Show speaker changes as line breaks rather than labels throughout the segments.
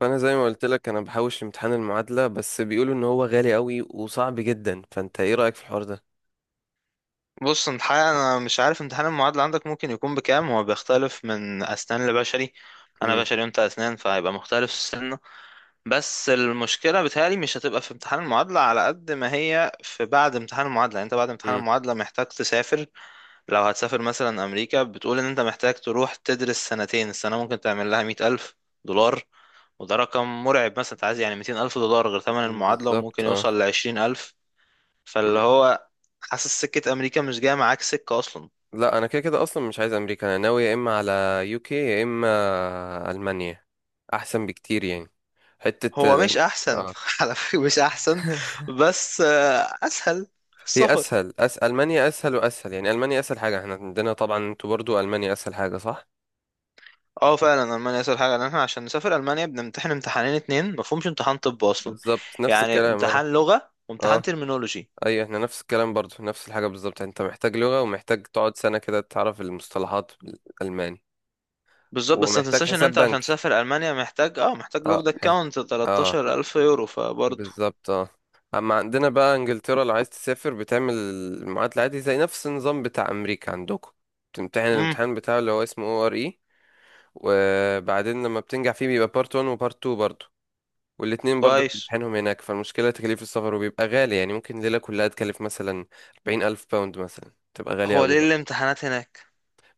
فانا زي ما قلت لك انا بحوش امتحان المعادله، بس بيقولوا ان هو غالي قوي وصعب جدا. فانت ايه رايك في الحوار ده؟
بص، انت حقيقة انا مش عارف امتحان المعادلة عندك ممكن يكون بكام. هو بيختلف من اسنان لبشري. انا
امم.
بشري وانت اسنان فهيبقى مختلف السنة. بس المشكلة بتهيألي مش هتبقى في امتحان المعادلة على قد ما هي في بعد امتحان المعادلة، يعني انت بعد امتحان
امم.
المعادلة محتاج تسافر. لو هتسافر مثلا امريكا، بتقول ان انت محتاج تروح تدرس سنتين، السنة ممكن تعمل لها 100,000 دولار. وده رقم مرعب، مثلا انت عايز يعني 200,000 دولار غير ثمن المعادلة،
بالظبط،
وممكن
اه.
يوصل لعشرين الف. فاللي
مم.
هو حاسس سكة أمريكا مش جاية معاك سكة أصلا.
لا، انا كده كده اصلا مش عايز امريكا، انا ناوي يا اما على يوكي يا اما المانيا، احسن بكتير يعني. حته
هو
الإن-
مش أحسن
اه.
على فكرة، مش أحسن. بس أسهل في
هي
السفر.
اسهل المانيا اسهل واسهل، يعني المانيا اسهل حاجه احنا عندنا، طبعا انتوا برضو المانيا اسهل حاجه، صح؟
اه، فعلا ألمانيا أسهل حاجة، لأن احنا عشان نسافر ألمانيا بنمتحن امتحانين اتنين، مفهومش امتحان طب أصلا.
بالظبط، نفس
يعني
الكلام. اه،
امتحان لغة وامتحان
اه.
ترمينولوجي.
اي احنا نفس الكلام برضو، نفس الحاجة بالظبط. انت محتاج لغة ومحتاج تقعد سنة كده تعرف المصطلحات الألماني.
بالظبط، بس ما
ومحتاج
تنساش ان
حساب
انت عشان
بنكي.
تسافر ألمانيا محتاج محتاج
اه،
لوك ده كاونت
اه،
13,000 يورو فبرضه.
بالظبط، اه. اما عندنا بقى انجلترا، لو عايز تسافر بتعمل المعادلة عادي زي نفس النظام بتاع امريكا عندكم. بتمتحن
امم،
الامتحان بتاعه اللي هو اسمه او ار اي، وبعدين لما بتنجح فيه بيبقى بارت 1 وبارت 2 برضو، والاتنين برضو
كويس.
بتمتحنهم هناك. فالمشكلة تكاليف السفر وبيبقى غالي، يعني ممكن ليلة كلها تكلف مثلا 40,000 باوند، مثلا تبقى غالية
هو
أوي.
ليه الامتحانات هناك؟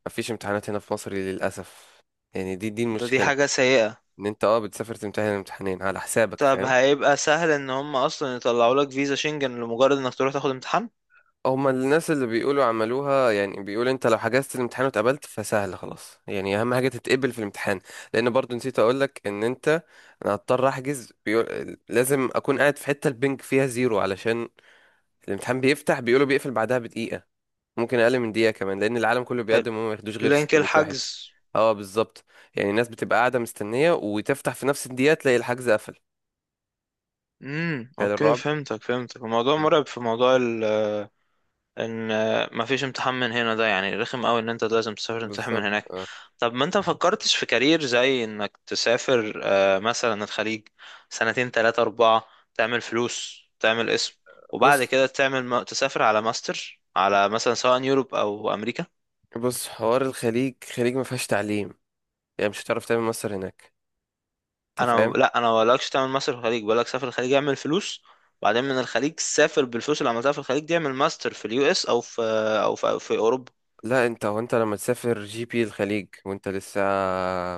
مفيش امتحانات هنا في مصر للأسف، يعني دي
ده دي
المشكلة،
حاجة سيئة.
ان انت بتسافر تمتحن الامتحانين على حسابك،
طب
فاهم؟
هيبقى سهل ان هم اصلا يطلعوا لك فيزا شنجن لمجرد انك تروح تاخد امتحان؟
هما الناس اللي بيقولوا عملوها، يعني بيقول انت لو حجزت الامتحان واتقبلت فسهل خلاص، يعني اهم حاجة تتقبل في الامتحان. لان برضو نسيت اقولك ان انت، انا هضطر احجز، لازم اكون قاعد في حتة البنك فيها زيرو علشان الامتحان بيفتح، بيقولوا بيقفل بعدها بدقيقة، ممكن اقل من دقيقه كمان، لان العالم كله بيقدم وما ياخدوش غير
لينك
600 واحد.
الحجز.
اه بالظبط. يعني الناس بتبقى قاعده مستنيه، وتفتح في نفس الدقيقه تلاقي الحجز قفل.
امم،
تخيل
اوكي
الرعب.
فهمتك فهمتك. الموضوع
مم.
مرعب في موضوع ال ان مفيش امتحان من هنا. ده يعني رخم قوي ان انت لازم تسافر تمتحن من
بالظبط،
هناك.
اه.
طب ما انت مفكرتش في كارير زي انك تسافر مثلا الخليج؟ سنتين، تلاتة، اربعة، تعمل فلوس، تعمل اسم، وبعد
بص،
كده تسافر على ماستر على، مثلا، سواء يوروب او امريكا.
بص، حوار الخليج، الخليج ما فيهاش تعليم، يعني مش هتعرف تعمل مصر هناك، انت
انا
فاهم.
لا، انا بقولكش تعمل ماستر في الخليج، بقولك سافر الخليج اعمل فلوس، وبعدين من الخليج سافر بالفلوس اللي عملتها في الخليج دي اعمل ماستر في اليو اس او في او في اوروبا.
لا، انت، هو انت لما تسافر جي بي الخليج وانت لسه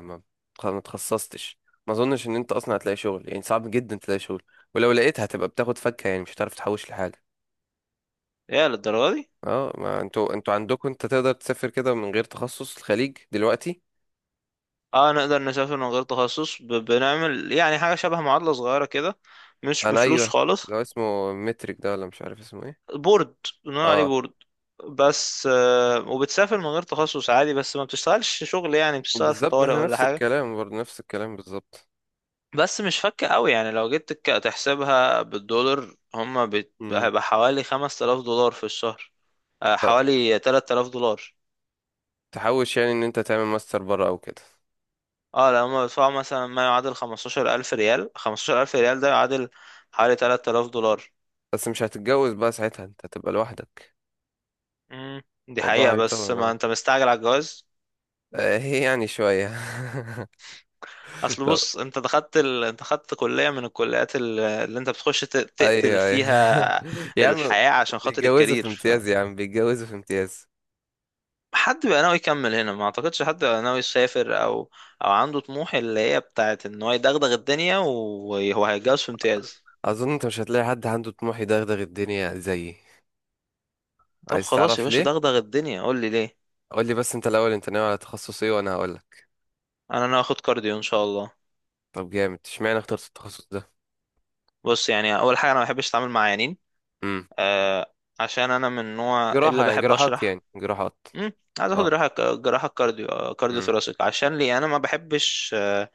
ما ما اتخصصتش، ما اظنش ان انت اصلا هتلاقي شغل، يعني صعب جدا تلاقي شغل. ولو لقيت هتبقى بتاخد فكه، يعني مش هتعرف تحوش لحاجه.
يا للدرجه دي!
اه، ما انتوا، عندكم انت تقدر تسافر كده من غير تخصص، الخليج دلوقتي.
اه، نقدر نسافر من غير تخصص، بنعمل يعني حاجه شبه معادله صغيره كده. مش
انا
بفلوس
ايوه.
خالص.
لو اسمه مترك ده، ولا مش عارف اسمه ايه.
بورد. بنقول عليه
اه،
بورد. بس وبتسافر من غير تخصص عادي، بس ما بتشتغلش شغل، يعني بتشتغل في
بالظبط،
طوارئ
احنا
ولا
نفس
حاجه.
الكلام برضه، نفس الكلام بالظبط.
بس مش فكة قوي، يعني لو جيت تحسبها بالدولار، هما
امم.
هيبقى حوالي 5,000 دولار في الشهر. حوالي 3,000 دولار.
تحوش يعني ان انت تعمل ماستر بره او كده.
اه، لو هما بيدفعوا مثلا ما يعادل 15,000 ريال، 15,000 ريال ده يعادل حوالي 3,000 دولار.
بس مش هتتجوز بقى ساعتها، انت هتبقى لوحدك.
امم دي
الموضوع
حقيقة، بس
هيطول،
ما
اه.
انت مستعجل على الجواز.
هي يعني شوية.
اصل
طب.
بص، انت خدت كلية من الكليات اللي انت بتخش تقتل
ايوه، ايوه،
فيها
يا عم.
الحياة عشان خاطر
بيتجوزوا في
الكارير.
امتياز يا عم، بيتجوزوا في امتياز.
حد بقى ناوي يكمل هنا؟ ما اعتقدش حد بقى ناوي يسافر او عنده طموح اللي هي بتاعت ان هو يدغدغ الدنيا وهو هيتجوز في امتياز.
اظن انت مش هتلاقي حد عنده طموح يدغدغ الدنيا زيي.
طب
عايز
خلاص يا
تعرف
باشا،
ليه؟
دغدغ الدنيا، قول لي ليه.
قول لي بس انت الاول، انت ناوي على تخصص ايه، وانا هقول لك.
انا ناوي اخد كارديو ان شاء الله.
طب، جامد. اشمعنى اخترت التخصص ده؟
بص، يعني اول حاجه انا ما بحبش اتعامل مع عيانين.
امم.
آه عشان انا من النوع اللي
جراحه، يعني
بحب
جراحات
اشرح.
يعني جراحات.
امم عايز اخد
اه.
جراحه، جراحه كارديو، كارديو
امم.
ثوراسيك. عشان ليه؟ انا ما بحبش.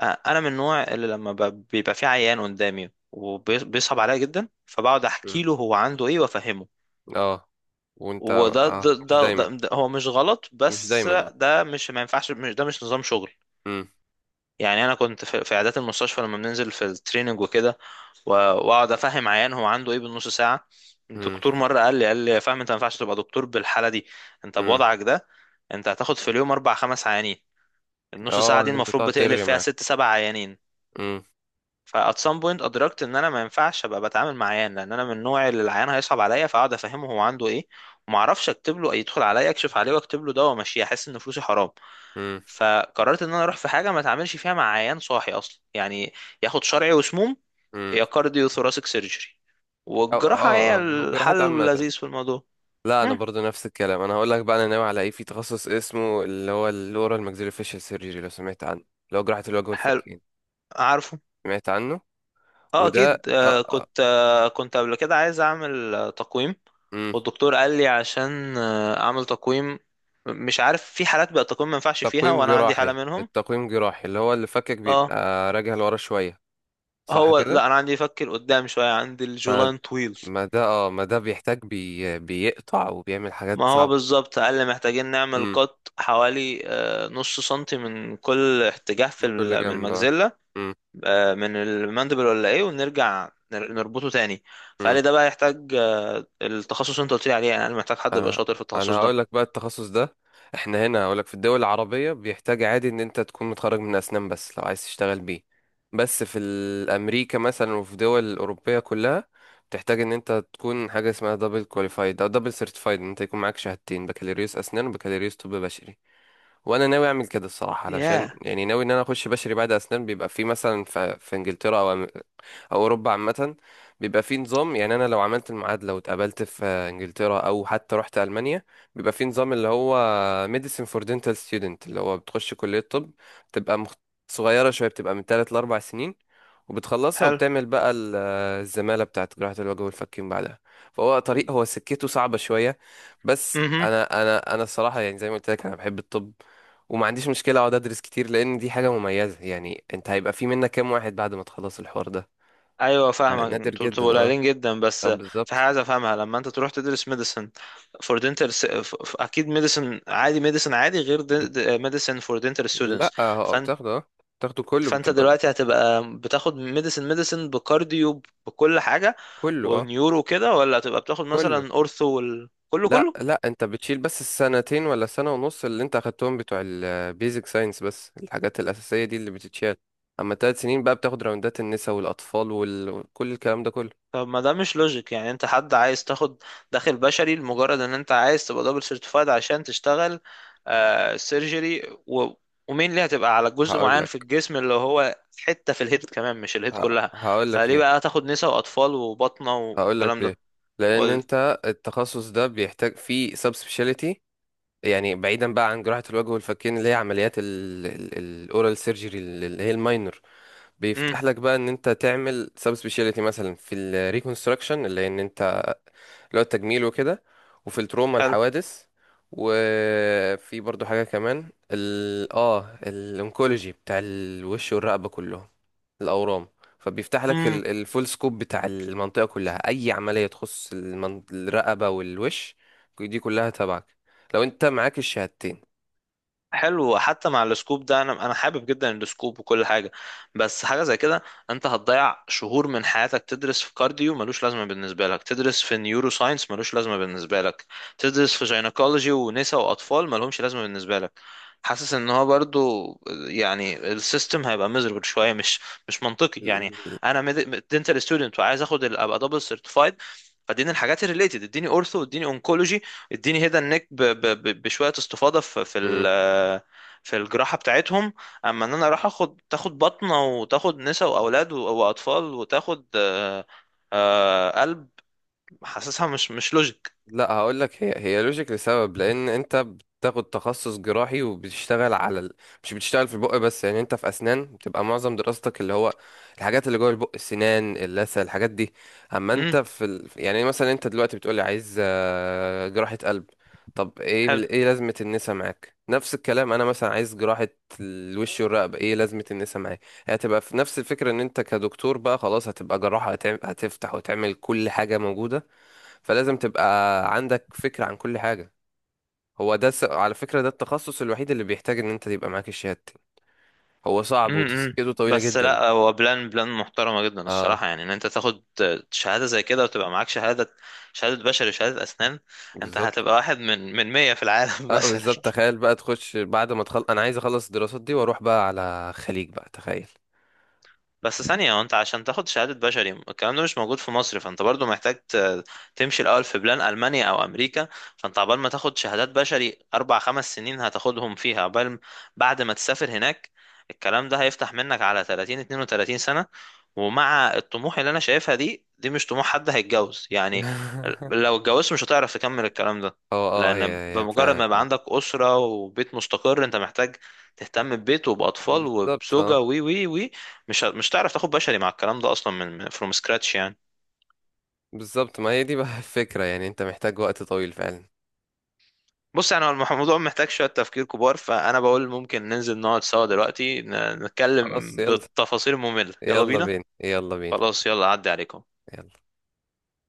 انا من النوع اللي لما بيبقى في عيان قدامي وبيصعب عليا جدا، فبقعد
امم.
احكي له هو عنده ايه وافهمه.
اه. وانت،
وده ده,
مش
ده,
دايما.
ده, ده هو مش غلط،
مش
بس
دايما، اه.
ده مش، ما ينفعش، مش، ده مش نظام شغل.
امم.
يعني انا كنت في عيادات المستشفى لما بننزل في التريننج وكده، واقعد افهم عيان هو عنده ايه بالنص ساعه.
امم.
الدكتور مره قال لي يا فاهم، انت ما ينفعش تبقى دكتور بالحاله دي. انت
امم.
بوضعك ده، انت هتاخد في اليوم اربع خمس عيانين. النص
اه،
ساعه دي
ان انت
المفروض
تقعد
بتقلب
ترغي
فيها
معاه.
ست سبع عيانين.
امم.
فات سام بوينت، ادركت ان انا ما ينفعش ابقى بتعامل مع عيان، لان انا من النوع اللي العيان هيصعب عليا، فاقعد افهمه هو عنده ايه وما اعرفش اكتب له. يدخل عليا اكشف عليه واكتب له دواء وامشيه، احس ان فلوسي حرام.
امم.
فقررت ان انا اروح في حاجه ما اتعاملش فيها مع عيان صاحي اصلا يعني. ياخد شرعي وسموم،
امم.
يا كارديو ثوراسيك سيرجري.
او
والجراحه هي
اه اه لو
الحل
جراحات عامه.
اللذيذ في الموضوع.
لا، انا
مم.
برضو نفس الكلام. انا هقول لك بقى انا ناوي على ايه. في تخصص اسمه، اللي هو الاورال ماكسيلو فيشل سيرجري، لو سمعت عنه، اللي هو جراحه الوجه
حلو.
والفكين.
عارفه.
سمعت عنه.
اه،
وده
اكيد. آه،
اه.
كنت آه، كنت قبل كده عايز اعمل تقويم.
امم.
والدكتور قال لي عشان اعمل تقويم. مش عارف، في حالات بقى التقويم ما ينفعش فيها
تقويم
وانا عندي حالة
جراحي،
منهم.
التقويم جراحي اللي هو اللي فكك بيبقى
اه.
راجع لورا شوية، صح
هو
كده؟
لا، انا عندي يفكر قدام شوية، عندي
ما
الجولاين طويل.
ما ده بيحتاج بيقطع وبيعمل
ما
حاجات
هو
صعبة.
بالظبط، قال لي محتاجين نعمل
امم.
قط حوالي نص سنتي من كل اتجاه في
من كل
من
جنب، اه.
المجزلة.
مم،
من المندبل ولا ايه، ونرجع نربطه تاني. فقال
مم.
لي ده بقى يحتاج التخصص اللي انت قلت لي عليه، يعني انا محتاج حد يبقى
انا
شاطر في التخصص
انا
ده.
هقول لك بقى التخصص ده. احنا هنا هقول لك في الدول العربية بيحتاج عادي ان انت تكون متخرج من اسنان بس، لو عايز تشتغل بيه. بس في امريكا مثلا وفي دول الاوروبية كلها، بتحتاج ان انت تكون حاجة اسمها دبل كواليفايد او دبل سيرتيفايد، ان انت يكون معاك شهادتين، بكالوريوس اسنان وبكالوريوس طب بشري. وانا ناوي اعمل كده الصراحة، علشان
ياه.
يعني ناوي ان انا اخش بشري بعد اسنان. بيبقى في مثلا، في انجلترا او اوروبا عامه، بيبقى في نظام. يعني انا لو عملت المعادله واتقابلت في انجلترا، او حتى رحت المانيا، بيبقى في نظام، اللي هو ميديسين فور دينتال ستودنت، اللي هو بتخش كليه طب، بتبقى صغيره شويه، بتبقى من 3 ل 4 سنين، وبتخلصها
حلو.
وبتعمل بقى الزماله بتاعت جراحه الوجه والفكين بعدها. فهو طريق، هو سكته صعبه شويه. بس
امم
انا، انا الصراحه، يعني زي ما قلت لك، انا بحب الطب، وما عنديش مشكله اقعد ادرس كتير، لان دي حاجه مميزه. يعني انت هيبقى في منك كام واحد بعد ما تخلص الحوار ده.
ايوه،
آه،
فاهمك.
نادر
انتوا بتبقوا
جدا، اه.
قليلين جدا بس.
اه،
في حاجه
بالظبط.
عايز افهمها. لما انت تروح تدرس ميديسن فور دنتال، اكيد ميديسن عادي، ميديسن عادي غير
بت...
ميديسن فور دنتال ستودنتس.
لا،
فانت
بتاخده، بتاخده كله،
فانت
بتبقى
دلوقتي هتبقى بتاخد ميديسن بكارديو بكل حاجه
كله، اه،
ونيورو كده، ولا هتبقى بتاخد
كله.
مثلا اورثو كله
لا،
كله؟
لا، انت بتشيل بس السنتين، ولا سنة ونص، اللي انت اخدتهم بتوع البيزك ساينس، بس الحاجات الأساسية دي اللي بتتشال. اما 3 سنين بقى بتاخد راوندات النساء والأطفال وكل الكلام ده كله.
طب، ما ده مش لوجيك، يعني انت حد عايز تاخد داخل بشري لمجرد ان انت عايز تبقى دبل سيرتيفايد عشان تشتغل سيرجري، و... ومين، اللي هتبقى على جزء
هقول
معين في
لك،
الجسم اللي هو حتة في الهيد كمان مش الهيد كلها.
هقول لك
فليه
ليه.
بقى تاخد نساء واطفال وبطنة
هقول لك
والكلام
ليه.
ده؟
لأن
قول.
انت التخصص ده بيحتاج فيه سب سبيشاليتي. يعني بعيدا بقى عن جراحة الوجه والفكين، اللي هي عمليات الاورال سيرجري، اللي هي الماينر،
امم.
بيفتح لك بقى ان انت تعمل سب سبيشاليتي، مثلا في الريكونستراكشن، اللي هي ان انت اللي هو التجميل وكده، وفي التروما الحوادث، وفي برضو حاجة كمان، ال اه الانكولوجي بتاع الوش والرقبة كلهم، الاورام. فبيفتح لك
حلو.
الفول سكوب بتاع المنطقة كلها، اي عملية تخص الرقبة والوش، دي كلها تبعك، لو انت معاك الشهادتين.
حلو حتى مع السكوب ده، انا حابب جدا السكوب وكل حاجه، بس حاجه زي كده، انت هتضيع شهور من حياتك تدرس في كارديو ملوش لازمه بالنسبه لك، تدرس في نيورو ساينس ملوش لازمه بالنسبه لك، تدرس في جينيكولوجي ونساء واطفال ملهمش لازمه بالنسبه لك. حاسس ان هو برضو، يعني السيستم هيبقى مزربل شويه، مش منطقي يعني.
مم.
انا دنتال ستودنت، وعايز ابقى دبل سيرتيفايد، فاديني الحاجات الريليتد، اديني اورثو، اديني اونكولوجي، اديني هيدا النك بشويه استفاضه في في الجراحه بتاعتهم. اما ان انا اروح اخد تاخد بطنه وتاخد نساء واولاد واطفال وتاخد قلب، حاسسها مش لوجيك.
لا، هقول لك، هي لوجيك، لسبب. لان انت بتاخد تخصص جراحي، وبتشتغل على مش بتشتغل في البق بس، يعني انت في اسنان بتبقى معظم دراستك اللي هو الحاجات اللي جوه البق، السنان، اللثه، الحاجات دي. اما انت
امم.
في يعني مثلا انت دلوقتي بتقولي عايز جراحه قلب، طب ايه
حلو.
ايه لازمه النسا معاك. نفس الكلام، انا مثلا عايز جراحه الوش والرقبه، ايه لازمه النسا معايا. هتبقى في نفس الفكره، ان انت كدكتور بقى خلاص هتبقى جراحه، هتفتح وتعمل كل حاجه موجوده، فلازم تبقى عندك فكرة عن كل حاجة. هو ده على فكرة ده التخصص الوحيد اللي بيحتاج ان انت تبقى معاك الشهادتين. هو صعب
امم
وتسكته طويلة
بس
جدا.
لا، هو بلان بلان محترمه جدا
اه،
الصراحه، يعني ان انت تاخد شهاده زي كده وتبقى معاك شهاده، شهاده بشري وشهاده اسنان. انت
بالظبط.
هتبقى واحد من 100 في العالم
اه،
مثلا.
بالظبط، تخيل بقى تخش بعد ما انا عايز اخلص الدراسات دي واروح بقى على خليج، بقى تخيل.
بس ثانية، وانت عشان تاخد شهادة بشري الكلام ده مش موجود في مصر، فانت برضو محتاج تمشي الأول في بلان ألمانيا أو أمريكا. فانت عقبال ما تاخد شهادات بشري أربع خمس سنين هتاخدهم فيها، بعد ما تسافر هناك. الكلام ده هيفتح منك على 30 32 سنة. ومع الطموح اللي أنا شايفها دي مش طموح حد هيتجوز يعني. لو اتجوزت مش هتعرف تكمل الكلام ده،
اه، اه، هي،
لأن
هي
بمجرد ما
فعلا،
يبقى
اه.
عندك أسرة وبيت مستقر انت محتاج تهتم ببيت وبأطفال
بالظبط، اه،
وبزوجة وي وي وي. مش هتعرف تاخد بشري مع الكلام ده اصلا من فروم سكراتش يعني.
بالظبط. ما هي دي بقى الفكرة، يعني انت محتاج وقت طويل فعلا.
بص، يعني هو الموضوع محتاج شويه تفكير كبار، فانا بقول ممكن ننزل نقعد سوا دلوقتي
خلاص،
نتكلم
يلا.
بالتفاصيل الممله. يلا
يلا
بينا.
بينا، يلا بينا.
خلاص، يلا عدي عليكم.
يلا.